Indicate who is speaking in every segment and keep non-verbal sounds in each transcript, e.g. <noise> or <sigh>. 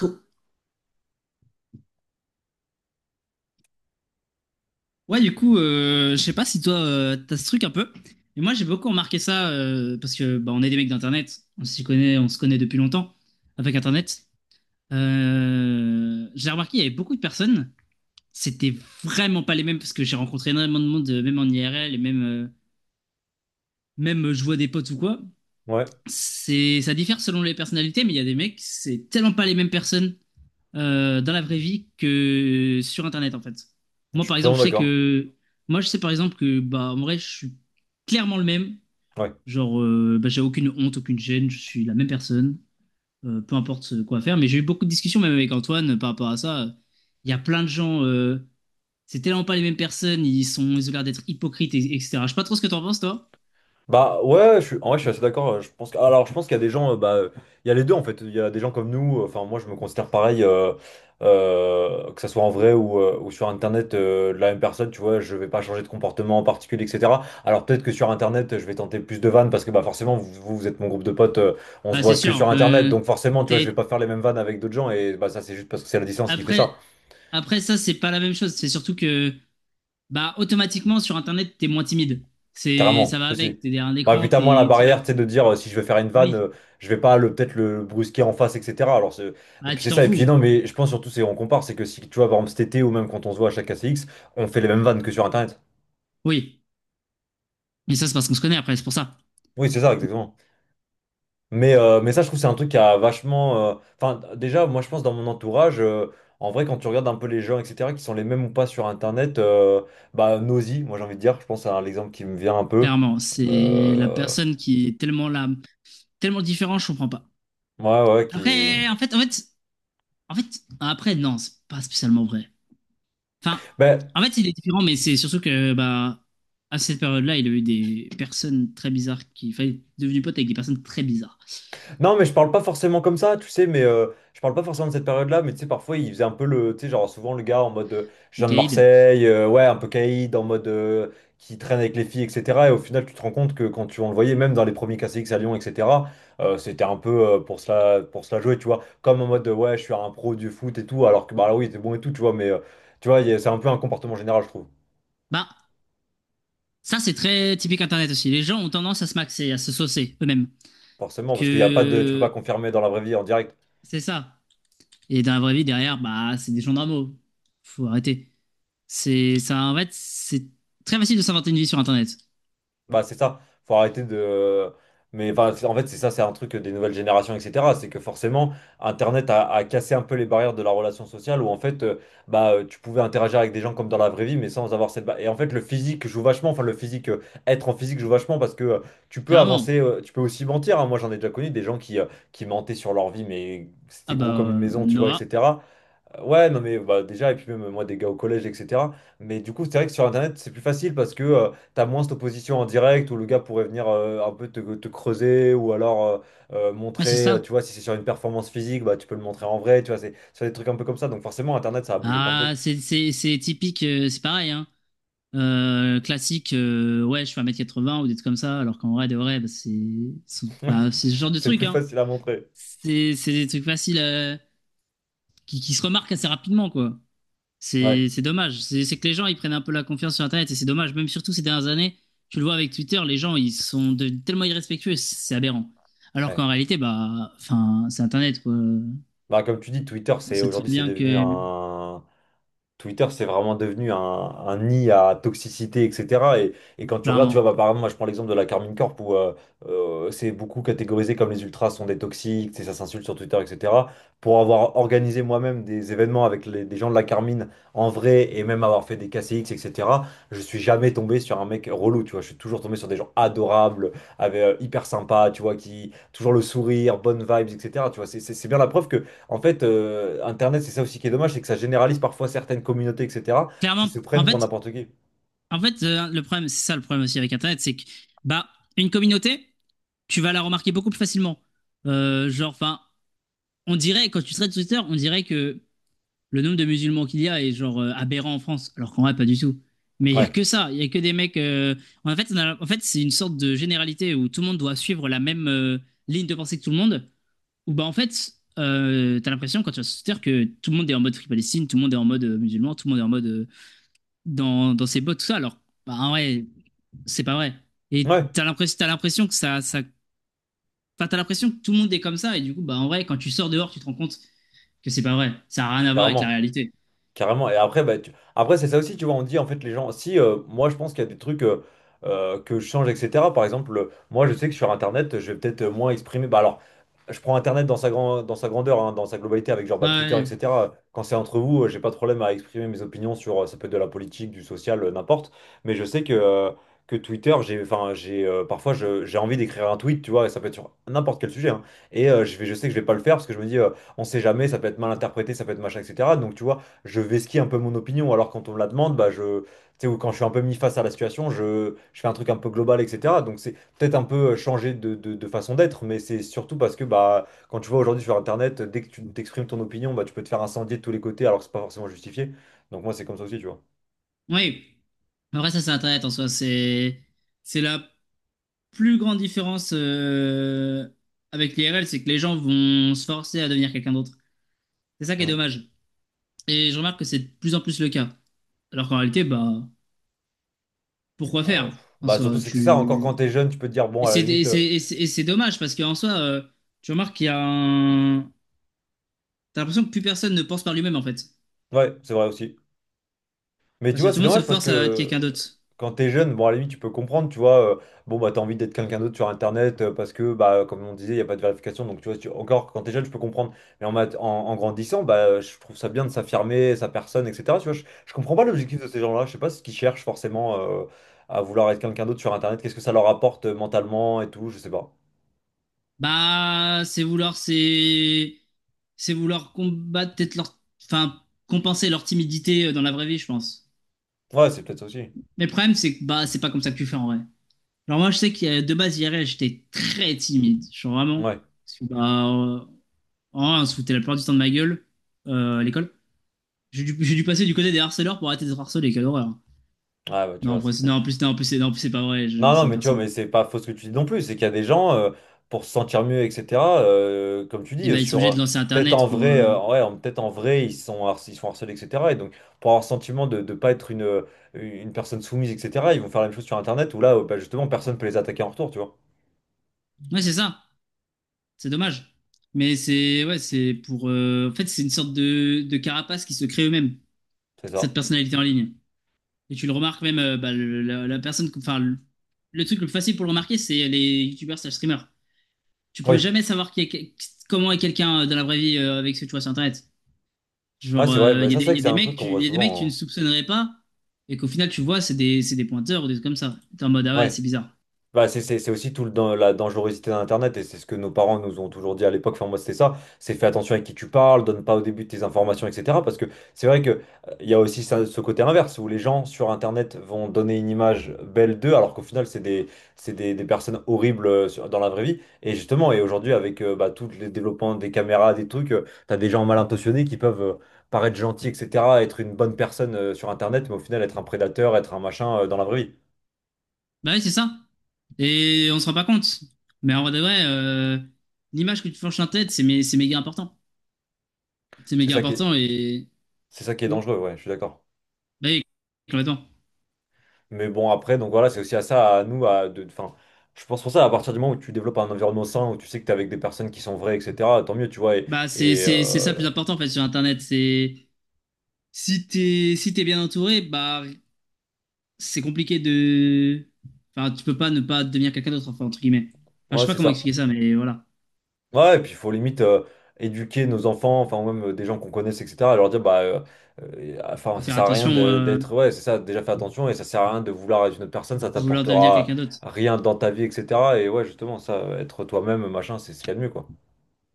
Speaker 1: Cool. Ouais, du coup, je sais pas si toi, t'as ce truc un peu. Mais moi, j'ai beaucoup remarqué ça parce que bah, on est des mecs d'Internet. On s'y connaît, on se connaît depuis longtemps avec Internet. J'ai remarqué, il y avait beaucoup de personnes. C'était vraiment pas les mêmes parce que j'ai rencontré énormément de monde, même en IRL et même, je vois des potes ou quoi.
Speaker 2: Ouais,
Speaker 1: Ça diffère selon les personnalités, mais il y a des mecs, c'est tellement pas les mêmes personnes dans la vraie vie que sur Internet, en fait.
Speaker 2: je
Speaker 1: Moi,
Speaker 2: suis
Speaker 1: par
Speaker 2: totalement
Speaker 1: exemple, je sais
Speaker 2: d'accord.
Speaker 1: que... Moi, je sais, par exemple, que, bah, en vrai, je suis clairement le même.
Speaker 2: Ouais.
Speaker 1: Genre, bah, j'ai aucune honte, aucune gêne, je suis la même personne, peu importe quoi faire. Mais j'ai eu beaucoup de discussions, même avec Antoine, par rapport à ça. Il y a plein de gens... c'est tellement pas les mêmes personnes, ils ont l'air d'être hypocrites, etc. Je sais pas trop ce que t'en penses, toi.
Speaker 2: Bah ouais, je suis, en vrai, je suis assez d'accord. Je pense que, alors, je pense qu'il y a des gens, bah, il y a les deux en fait. Il y a des gens comme nous. Enfin, moi, je me considère pareil, que ça soit en vrai ou sur Internet, la même personne. Tu vois, je vais pas changer de comportement en particulier, etc. Alors peut-être que sur Internet, je vais tenter plus de vannes parce que bah forcément, vous, vous vous êtes mon groupe de potes. On se
Speaker 1: Ah,
Speaker 2: voit
Speaker 1: c'est
Speaker 2: que
Speaker 1: sûr
Speaker 2: sur Internet,
Speaker 1: que
Speaker 2: donc forcément, tu vois, je
Speaker 1: t'es-
Speaker 2: vais pas faire les mêmes vannes avec d'autres gens et bah ça, c'est juste parce que c'est la distance qui fait
Speaker 1: après,
Speaker 2: ça.
Speaker 1: après ça, c'est pas la même chose. C'est surtout que, bah, automatiquement, sur Internet, t'es moins timide. Ça
Speaker 2: Carrément,
Speaker 1: va avec.
Speaker 2: aussi.
Speaker 1: T'es derrière un
Speaker 2: Bah,
Speaker 1: écran,
Speaker 2: putain, moi, la barrière, tu sais, de dire si je vais faire une vanne,
Speaker 1: oui.
Speaker 2: je vais pas le peut-être le brusquer en face, etc. Alors, et
Speaker 1: Ah,
Speaker 2: puis
Speaker 1: tu
Speaker 2: c'est
Speaker 1: t'en
Speaker 2: ça. Et puis,
Speaker 1: fous.
Speaker 2: non, mais je pense surtout, c'est on compare, c'est que si tu vois, par exemple, cet été ou même quand on se voit à chaque ACX, on fait les mêmes vannes que sur Internet.
Speaker 1: Oui. Mais ça, c'est parce qu'on se connaît après, c'est pour ça.
Speaker 2: Oui, c'est ça, exactement. Mais ça, je trouve, c'est un truc qui a vachement. Enfin, déjà, moi, je pense dans mon entourage, en vrai, quand tu regardes un peu les gens, etc., qui sont les mêmes ou pas sur Internet, bah, Nosy, moi, j'ai envie de dire, je pense à l'exemple qui me vient un peu.
Speaker 1: Clairement, c'est la
Speaker 2: Euh,
Speaker 1: personne qui est tellement là, tellement différente, je comprends pas.
Speaker 2: Ouais, ouais, qui.
Speaker 1: Après, en fait, après, non, c'est pas spécialement vrai. Enfin,
Speaker 2: Ben,
Speaker 1: en fait, il est différent, mais c'est surtout que, bah, à cette période-là, il a eu des personnes très bizarres enfin, il est devenu pote avec des personnes très bizarres.
Speaker 2: non, mais je parle pas forcément comme ça, tu sais, mais je parle pas forcément de cette période-là, mais tu sais, parfois, il faisait un peu le, tu sais, genre, souvent, le gars en mode, je
Speaker 1: Le
Speaker 2: viens de
Speaker 1: Kaïd,
Speaker 2: Marseille, ouais, un peu caïd, en mode, qui traîne avec les filles, etc. Et au final, tu te rends compte que quand tu, on le voyait, même dans les premiers KCX à Lyon, etc., c'était un peu pour cela jouer, tu vois, comme en mode, ouais, je suis un pro du foot et tout, alors que, bah, là, oui, il était bon et tout, tu vois, mais, tu vois, c'est un peu un comportement général, je trouve,
Speaker 1: bah, ça, c'est très typique Internet aussi. Les gens ont tendance à se maxer, à se saucer eux-mêmes.
Speaker 2: forcément, parce qu'il y a pas de, tu peux pas
Speaker 1: Que
Speaker 2: confirmer dans la vraie vie en direct.
Speaker 1: c'est ça. Et dans la vraie vie, derrière, bah, c'est des gens normaux. Faut arrêter. C'est ça, en fait, c'est très facile de s'inventer une vie sur Internet.
Speaker 2: Bah, c'est ça, faut arrêter de. Mais enfin, en fait, c'est ça, c'est un truc des nouvelles générations, etc. C'est que forcément, Internet a cassé un peu les barrières de la relation sociale où en fait, bah, tu pouvais interagir avec des gens comme dans la vraie vie, mais sans avoir cette. Et en fait, le physique joue vachement, enfin, le physique, être en physique joue vachement parce que tu peux
Speaker 1: Clairement.
Speaker 2: avancer, tu peux aussi mentir, hein. Moi, j'en ai déjà connu des gens qui mentaient sur leur vie, mais
Speaker 1: Ah
Speaker 2: c'était
Speaker 1: bah,
Speaker 2: gros comme une maison, tu vois,
Speaker 1: Noah.
Speaker 2: etc. Ouais, non, mais bah, déjà, et puis même moi, des gars au collège, etc. Mais du coup, c'est vrai que sur Internet, c'est plus facile parce que t'as moins cette opposition en direct où le gars pourrait venir un peu te, creuser ou alors
Speaker 1: Ouais, c'est
Speaker 2: montrer,
Speaker 1: ça.
Speaker 2: tu vois, si c'est sur une performance physique, bah, tu peux le montrer en vrai, tu vois, c'est sur des trucs un peu comme ça. Donc forcément, Internet, ça a bougé plein de
Speaker 1: Ah,
Speaker 2: trucs.
Speaker 1: c'est typique, c'est pareil, hein. Classique, ouais, je fais un mètre quatre-vingts ou des trucs comme ça, alors qu'en vrai, de vrai, bah,
Speaker 2: <laughs> Oui,
Speaker 1: c'est ce genre de
Speaker 2: c'est
Speaker 1: truc,
Speaker 2: plus
Speaker 1: hein.
Speaker 2: facile à montrer.
Speaker 1: C'est des trucs faciles, qui se remarquent assez rapidement, quoi.
Speaker 2: Ouais,
Speaker 1: C'est dommage. C'est que les gens, ils prennent un peu la confiance sur Internet et c'est dommage. Même surtout ces dernières années, tu le vois avec Twitter, les gens, ils sont tellement irrespectueux, c'est aberrant. Alors
Speaker 2: ouais.
Speaker 1: qu'en réalité, bah, enfin, c'est Internet, quoi.
Speaker 2: Bah, comme tu dis, Twitter,
Speaker 1: On
Speaker 2: c'est
Speaker 1: sait très
Speaker 2: aujourd'hui, c'est
Speaker 1: bien
Speaker 2: devenu
Speaker 1: que,
Speaker 2: un. Twitter, c'est vraiment devenu un nid à toxicité, etc. Et quand tu regardes, tu
Speaker 1: clairement,
Speaker 2: vois, bah, par exemple, moi je prends l'exemple de la Carmine Corp où c'est beaucoup catégorisé comme les ultras sont des toxiques, ça s'insulte sur Twitter, etc. Pour avoir organisé moi-même des événements avec des gens de la Carmine en vrai et même avoir fait des KCX, etc., je suis jamais tombé sur un mec relou, tu vois. Je suis toujours tombé sur des gens adorables, avec, hyper sympas, tu vois, qui toujours le sourire, bonnes vibes, etc. Tu vois, c'est bien la preuve que en fait, Internet, c'est ça aussi qui est dommage, c'est que ça généralise parfois certaines communautés, etc., qui
Speaker 1: clairement,
Speaker 2: se
Speaker 1: en
Speaker 2: prennent pour
Speaker 1: fait,
Speaker 2: n'importe qui.
Speaker 1: en fait, le problème, c'est ça le problème aussi avec Internet, c'est que, bah, une communauté, tu vas la remarquer beaucoup plus facilement. Genre, enfin, on dirait, quand tu traites Twitter, on dirait que le nombre de musulmans qu'il y a est genre aberrant en France, alors qu'en vrai, pas du tout. Mais il y a
Speaker 2: Ouais,
Speaker 1: que ça, il y a que des mecs. En fait, en fait c'est une sorte de généralité où tout le monde doit suivre la même ligne de pensée que tout le monde. Où bah en fait, t'as l'impression quand tu vas sur Twitter que tout le monde est en mode Free Palestine, tout le monde est en mode musulman, tout le monde est en mode dans ses bottes, tout ça. Alors, bah, en vrai, c'est pas vrai. Et
Speaker 2: ouais,
Speaker 1: t'as l'impression que ça. Enfin, t'as l'impression que tout le monde est comme ça. Et du coup, bah en vrai, quand tu sors dehors, tu te rends compte que c'est pas vrai. Ça a rien à voir avec la
Speaker 2: carrément.
Speaker 1: réalité.
Speaker 2: Carrément. Et après, bah, après c'est ça aussi, tu vois, on dit en fait les gens, si moi je pense qu'il y a des trucs que je change, etc. Par exemple, moi je sais que sur Internet, je vais peut-être moins exprimer. Bah alors, je prends Internet dans sa grandeur, hein, dans sa globalité, avec genre
Speaker 1: Ouais.
Speaker 2: bah,
Speaker 1: Ouais,
Speaker 2: Twitter,
Speaker 1: ouais.
Speaker 2: etc. Quand c'est entre vous, j'ai pas de problème à exprimer mes opinions sur, ça peut être de la politique, du social, n'importe. Mais je sais que Twitter, j'ai, enfin, j'ai, parfois j'ai envie d'écrire un tweet, tu vois, et ça peut être sur n'importe quel sujet, hein. Et je sais que je vais pas le faire parce que je me dis, on sait jamais, ça peut être mal interprété, ça peut être machin, etc. Donc tu vois je vesquis un peu mon opinion. Alors quand on me la demande, bah je, tu sais, ou quand je suis un peu mis face à la situation, je fais un truc un peu global, etc. Donc c'est peut-être un peu changer de façon d'être, mais c'est surtout parce que bah quand tu vois aujourd'hui sur Internet, dès que tu t'exprimes ton opinion, bah tu peux te faire incendier de tous les côtés alors que c'est pas forcément justifié. Donc moi c'est comme ça aussi, tu vois.
Speaker 1: Oui. Après, ça, c'est Internet en soi. C'est la plus grande différence, avec l'IRL, c'est que les gens vont se forcer à devenir quelqu'un d'autre. C'est ça qui est
Speaker 2: Mm.
Speaker 1: dommage. Et je remarque que c'est de plus en plus le cas. Alors qu'en réalité, bah, pourquoi
Speaker 2: Alors,
Speaker 1: faire
Speaker 2: pff,
Speaker 1: en
Speaker 2: bah surtout
Speaker 1: soi,
Speaker 2: c'est que c'est ça. Encore
Speaker 1: tu...
Speaker 2: quand t'es jeune, tu peux te dire bon
Speaker 1: Et
Speaker 2: à la
Speaker 1: c'est et
Speaker 2: limite,
Speaker 1: c'est- et c'est- et c'est dommage parce qu'en soi, tu remarques qu'il y a un... T'as l'impression que plus personne ne pense par lui-même en fait.
Speaker 2: ouais c'est vrai aussi. Mais tu
Speaker 1: Parce que
Speaker 2: vois,
Speaker 1: tout le
Speaker 2: c'est
Speaker 1: monde se
Speaker 2: dommage parce
Speaker 1: force
Speaker 2: que
Speaker 1: à être quelqu'un d'autre.
Speaker 2: quand t'es jeune, bon, à la limite, tu peux comprendre, tu vois, bon, bah, t'as envie d'être quelqu'un d'autre sur Internet parce que, bah, comme on disait, il n'y a pas de vérification. Donc, tu vois, si encore, quand t'es jeune, je peux comprendre. Mais en grandissant, bah, je trouve ça bien de s'affirmer, sa personne, etc. Tu vois, je comprends pas l'objectif de ces gens-là. Je sais pas ce qu'ils cherchent forcément à vouloir être quelqu'un d'autre sur Internet. Qu'est-ce que ça leur apporte mentalement et tout, je sais pas.
Speaker 1: Bah, c'est vouloir combattre peut-être leur, enfin, compenser leur timidité, dans la vraie vie, je pense.
Speaker 2: Ouais, c'est peut-être ça aussi.
Speaker 1: Mais le problème, c'est que bah, c'est pas comme ça que tu fais en vrai. Alors moi, je sais que, de base, hier j'étais très timide, je suis
Speaker 2: Ouais,
Speaker 1: vraiment.
Speaker 2: ouais,
Speaker 1: Parce que bah, en vrai, on se foutait la plupart du temps de ma gueule, à l'école. J'ai dû passer du côté des harceleurs pour arrêter d'être harcelé, quelle horreur.
Speaker 2: bah, tu
Speaker 1: Non, en
Speaker 2: vois, c'est
Speaker 1: plus,
Speaker 2: ça.
Speaker 1: non, en plus, non, c'est pas vrai, je
Speaker 2: Non, non,
Speaker 1: harcèle
Speaker 2: mais tu vois,
Speaker 1: personne.
Speaker 2: mais c'est pas faux ce que tu dis non plus. C'est qu'il y a des gens, pour se sentir mieux, etc., comme tu
Speaker 1: Et
Speaker 2: dis,
Speaker 1: bah, ils sont
Speaker 2: sur
Speaker 1: obligés de lancer
Speaker 2: peut-être en
Speaker 1: Internet pour.
Speaker 2: vrai, ouais, peut-être en vrai, ils sont, ils sont harcelés, etc. Et donc, pour avoir le sentiment de ne pas être une personne soumise, etc., ils vont faire la même chose sur Internet où là, bah, justement, personne peut les attaquer en retour, tu vois.
Speaker 1: Ouais, c'est ça. C'est dommage. Mais c'est ouais, c'est pour. En fait, c'est une sorte de, carapace qui se crée eux-mêmes,
Speaker 2: C'est
Speaker 1: cette
Speaker 2: ça.
Speaker 1: personnalité en ligne. Et tu le remarques même, bah, la personne. Enfin, le truc le plus facile pour le remarquer, c'est les youtubeurs slash streamers. Tu peux
Speaker 2: Oui.
Speaker 1: jamais savoir qui est comment est quelqu'un, dans la vraie vie, avec ce que tu vois sur Internet.
Speaker 2: Ouais,
Speaker 1: Genre,
Speaker 2: c'est vrai. Bah, ça, c'est vrai que c'est un truc qu'on voit
Speaker 1: il y a des mecs tu ne
Speaker 2: souvent,
Speaker 1: soupçonnerais pas, et qu'au final, tu vois, c'est des pointeurs ou des trucs comme ça. T'es en mode, ah
Speaker 2: hein.
Speaker 1: ouais,
Speaker 2: Ouais.
Speaker 1: c'est bizarre.
Speaker 2: Bah, c'est aussi tout la dangerosité d'Internet et c'est ce que nos parents nous ont toujours dit à l'époque. Enfin, moi, c'était ça. C'est fais attention avec qui tu parles, donne pas au début tes informations, etc. Parce que c'est vrai que il y a aussi ce côté inverse où les gens sur Internet vont donner une image belle d'eux alors qu'au final, c'est des personnes horribles dans la vraie vie. Et justement, et aujourd'hui, avec bah, tous les développements des caméras, des trucs, t'as des gens mal intentionnés qui peuvent paraître gentils, etc., être une bonne personne sur Internet, mais au final, être un prédateur, être un machin dans la vraie vie.
Speaker 1: Bah oui, c'est ça. Et on se rend pas compte. Mais en vrai de vrai, l'image que tu forges en tête, c'est méga important. C'est
Speaker 2: C'est
Speaker 1: méga
Speaker 2: ça qui est-
Speaker 1: important et.
Speaker 2: C'est ça qui est
Speaker 1: Hmm.
Speaker 2: dangereux, ouais, je suis d'accord.
Speaker 1: Bah oui, complètement.
Speaker 2: Mais bon, après, donc voilà, c'est aussi à ça, à nous, à de, enfin, je pense pour ça, à partir du moment où tu développes un environnement sain, où tu sais que t'es avec des personnes qui sont vraies, etc., tant mieux, tu vois,
Speaker 1: Bah c'est
Speaker 2: et,
Speaker 1: c'est- c'est ça le
Speaker 2: euh,
Speaker 1: plus important en fait sur Internet. C'est si t'es bien entouré, bah c'est compliqué de. Enfin, tu peux pas ne pas devenir quelqu'un d'autre, enfin, entre guillemets. Enfin, je sais
Speaker 2: ouais,
Speaker 1: pas
Speaker 2: c'est
Speaker 1: comment
Speaker 2: ça.
Speaker 1: expliquer ça, mais voilà.
Speaker 2: Ouais, et puis il faut limite éduquer nos enfants, enfin, ou même des gens qu'on connaisse, etc., leur dire, bah, enfin,
Speaker 1: Faut
Speaker 2: ça
Speaker 1: faire
Speaker 2: sert à rien
Speaker 1: attention,
Speaker 2: d'être, ouais, c'est ça, déjà fais attention, et ça sert à rien de vouloir être une autre personne, ça
Speaker 1: de vouloir devenir
Speaker 2: t'apportera
Speaker 1: quelqu'un d'autre.
Speaker 2: rien dans ta vie, etc., et ouais, justement, ça, être toi-même, machin, c'est ce qu'il y a de mieux, quoi.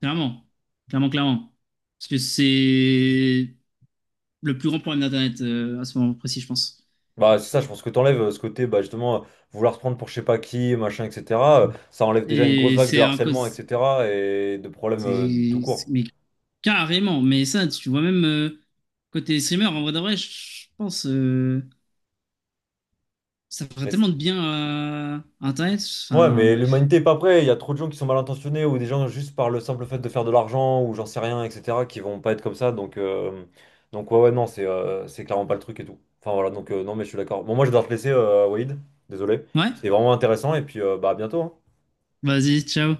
Speaker 1: Clairement. Clairement, clairement. Parce que c'est. Le plus grand problème d'Internet, à ce moment précis, je pense.
Speaker 2: Bah, c'est ça, je pense que t'enlèves ce côté, bah, justement, vouloir se prendre pour je sais pas qui, machin, etc. Ça enlève déjà une grosse
Speaker 1: Et
Speaker 2: vague de
Speaker 1: c'est un
Speaker 2: harcèlement,
Speaker 1: cause.
Speaker 2: etc. et de problèmes tout court.
Speaker 1: Mais carrément, mais ça, tu vois, même côté streamer, en vrai de vrai, je pense ça ferait
Speaker 2: Mais
Speaker 1: tellement de bien à Internet.
Speaker 2: ouais,
Speaker 1: Enfin,
Speaker 2: mais
Speaker 1: bref.
Speaker 2: l'humanité est pas prête. Il y a trop de gens qui sont mal intentionnés ou des gens juste par le simple fait de faire de l'argent ou j'en sais rien, etc. qui vont pas être comme ça. Donc ouais, ouais, non, c'est clairement pas le truc et tout. Enfin, voilà, donc non, mais je suis d'accord. Bon, moi, je dois te laisser, Walid. Désolé.
Speaker 1: Ouais,
Speaker 2: C'était vraiment intéressant et puis, bah, à bientôt, hein.
Speaker 1: vas-y, ciao.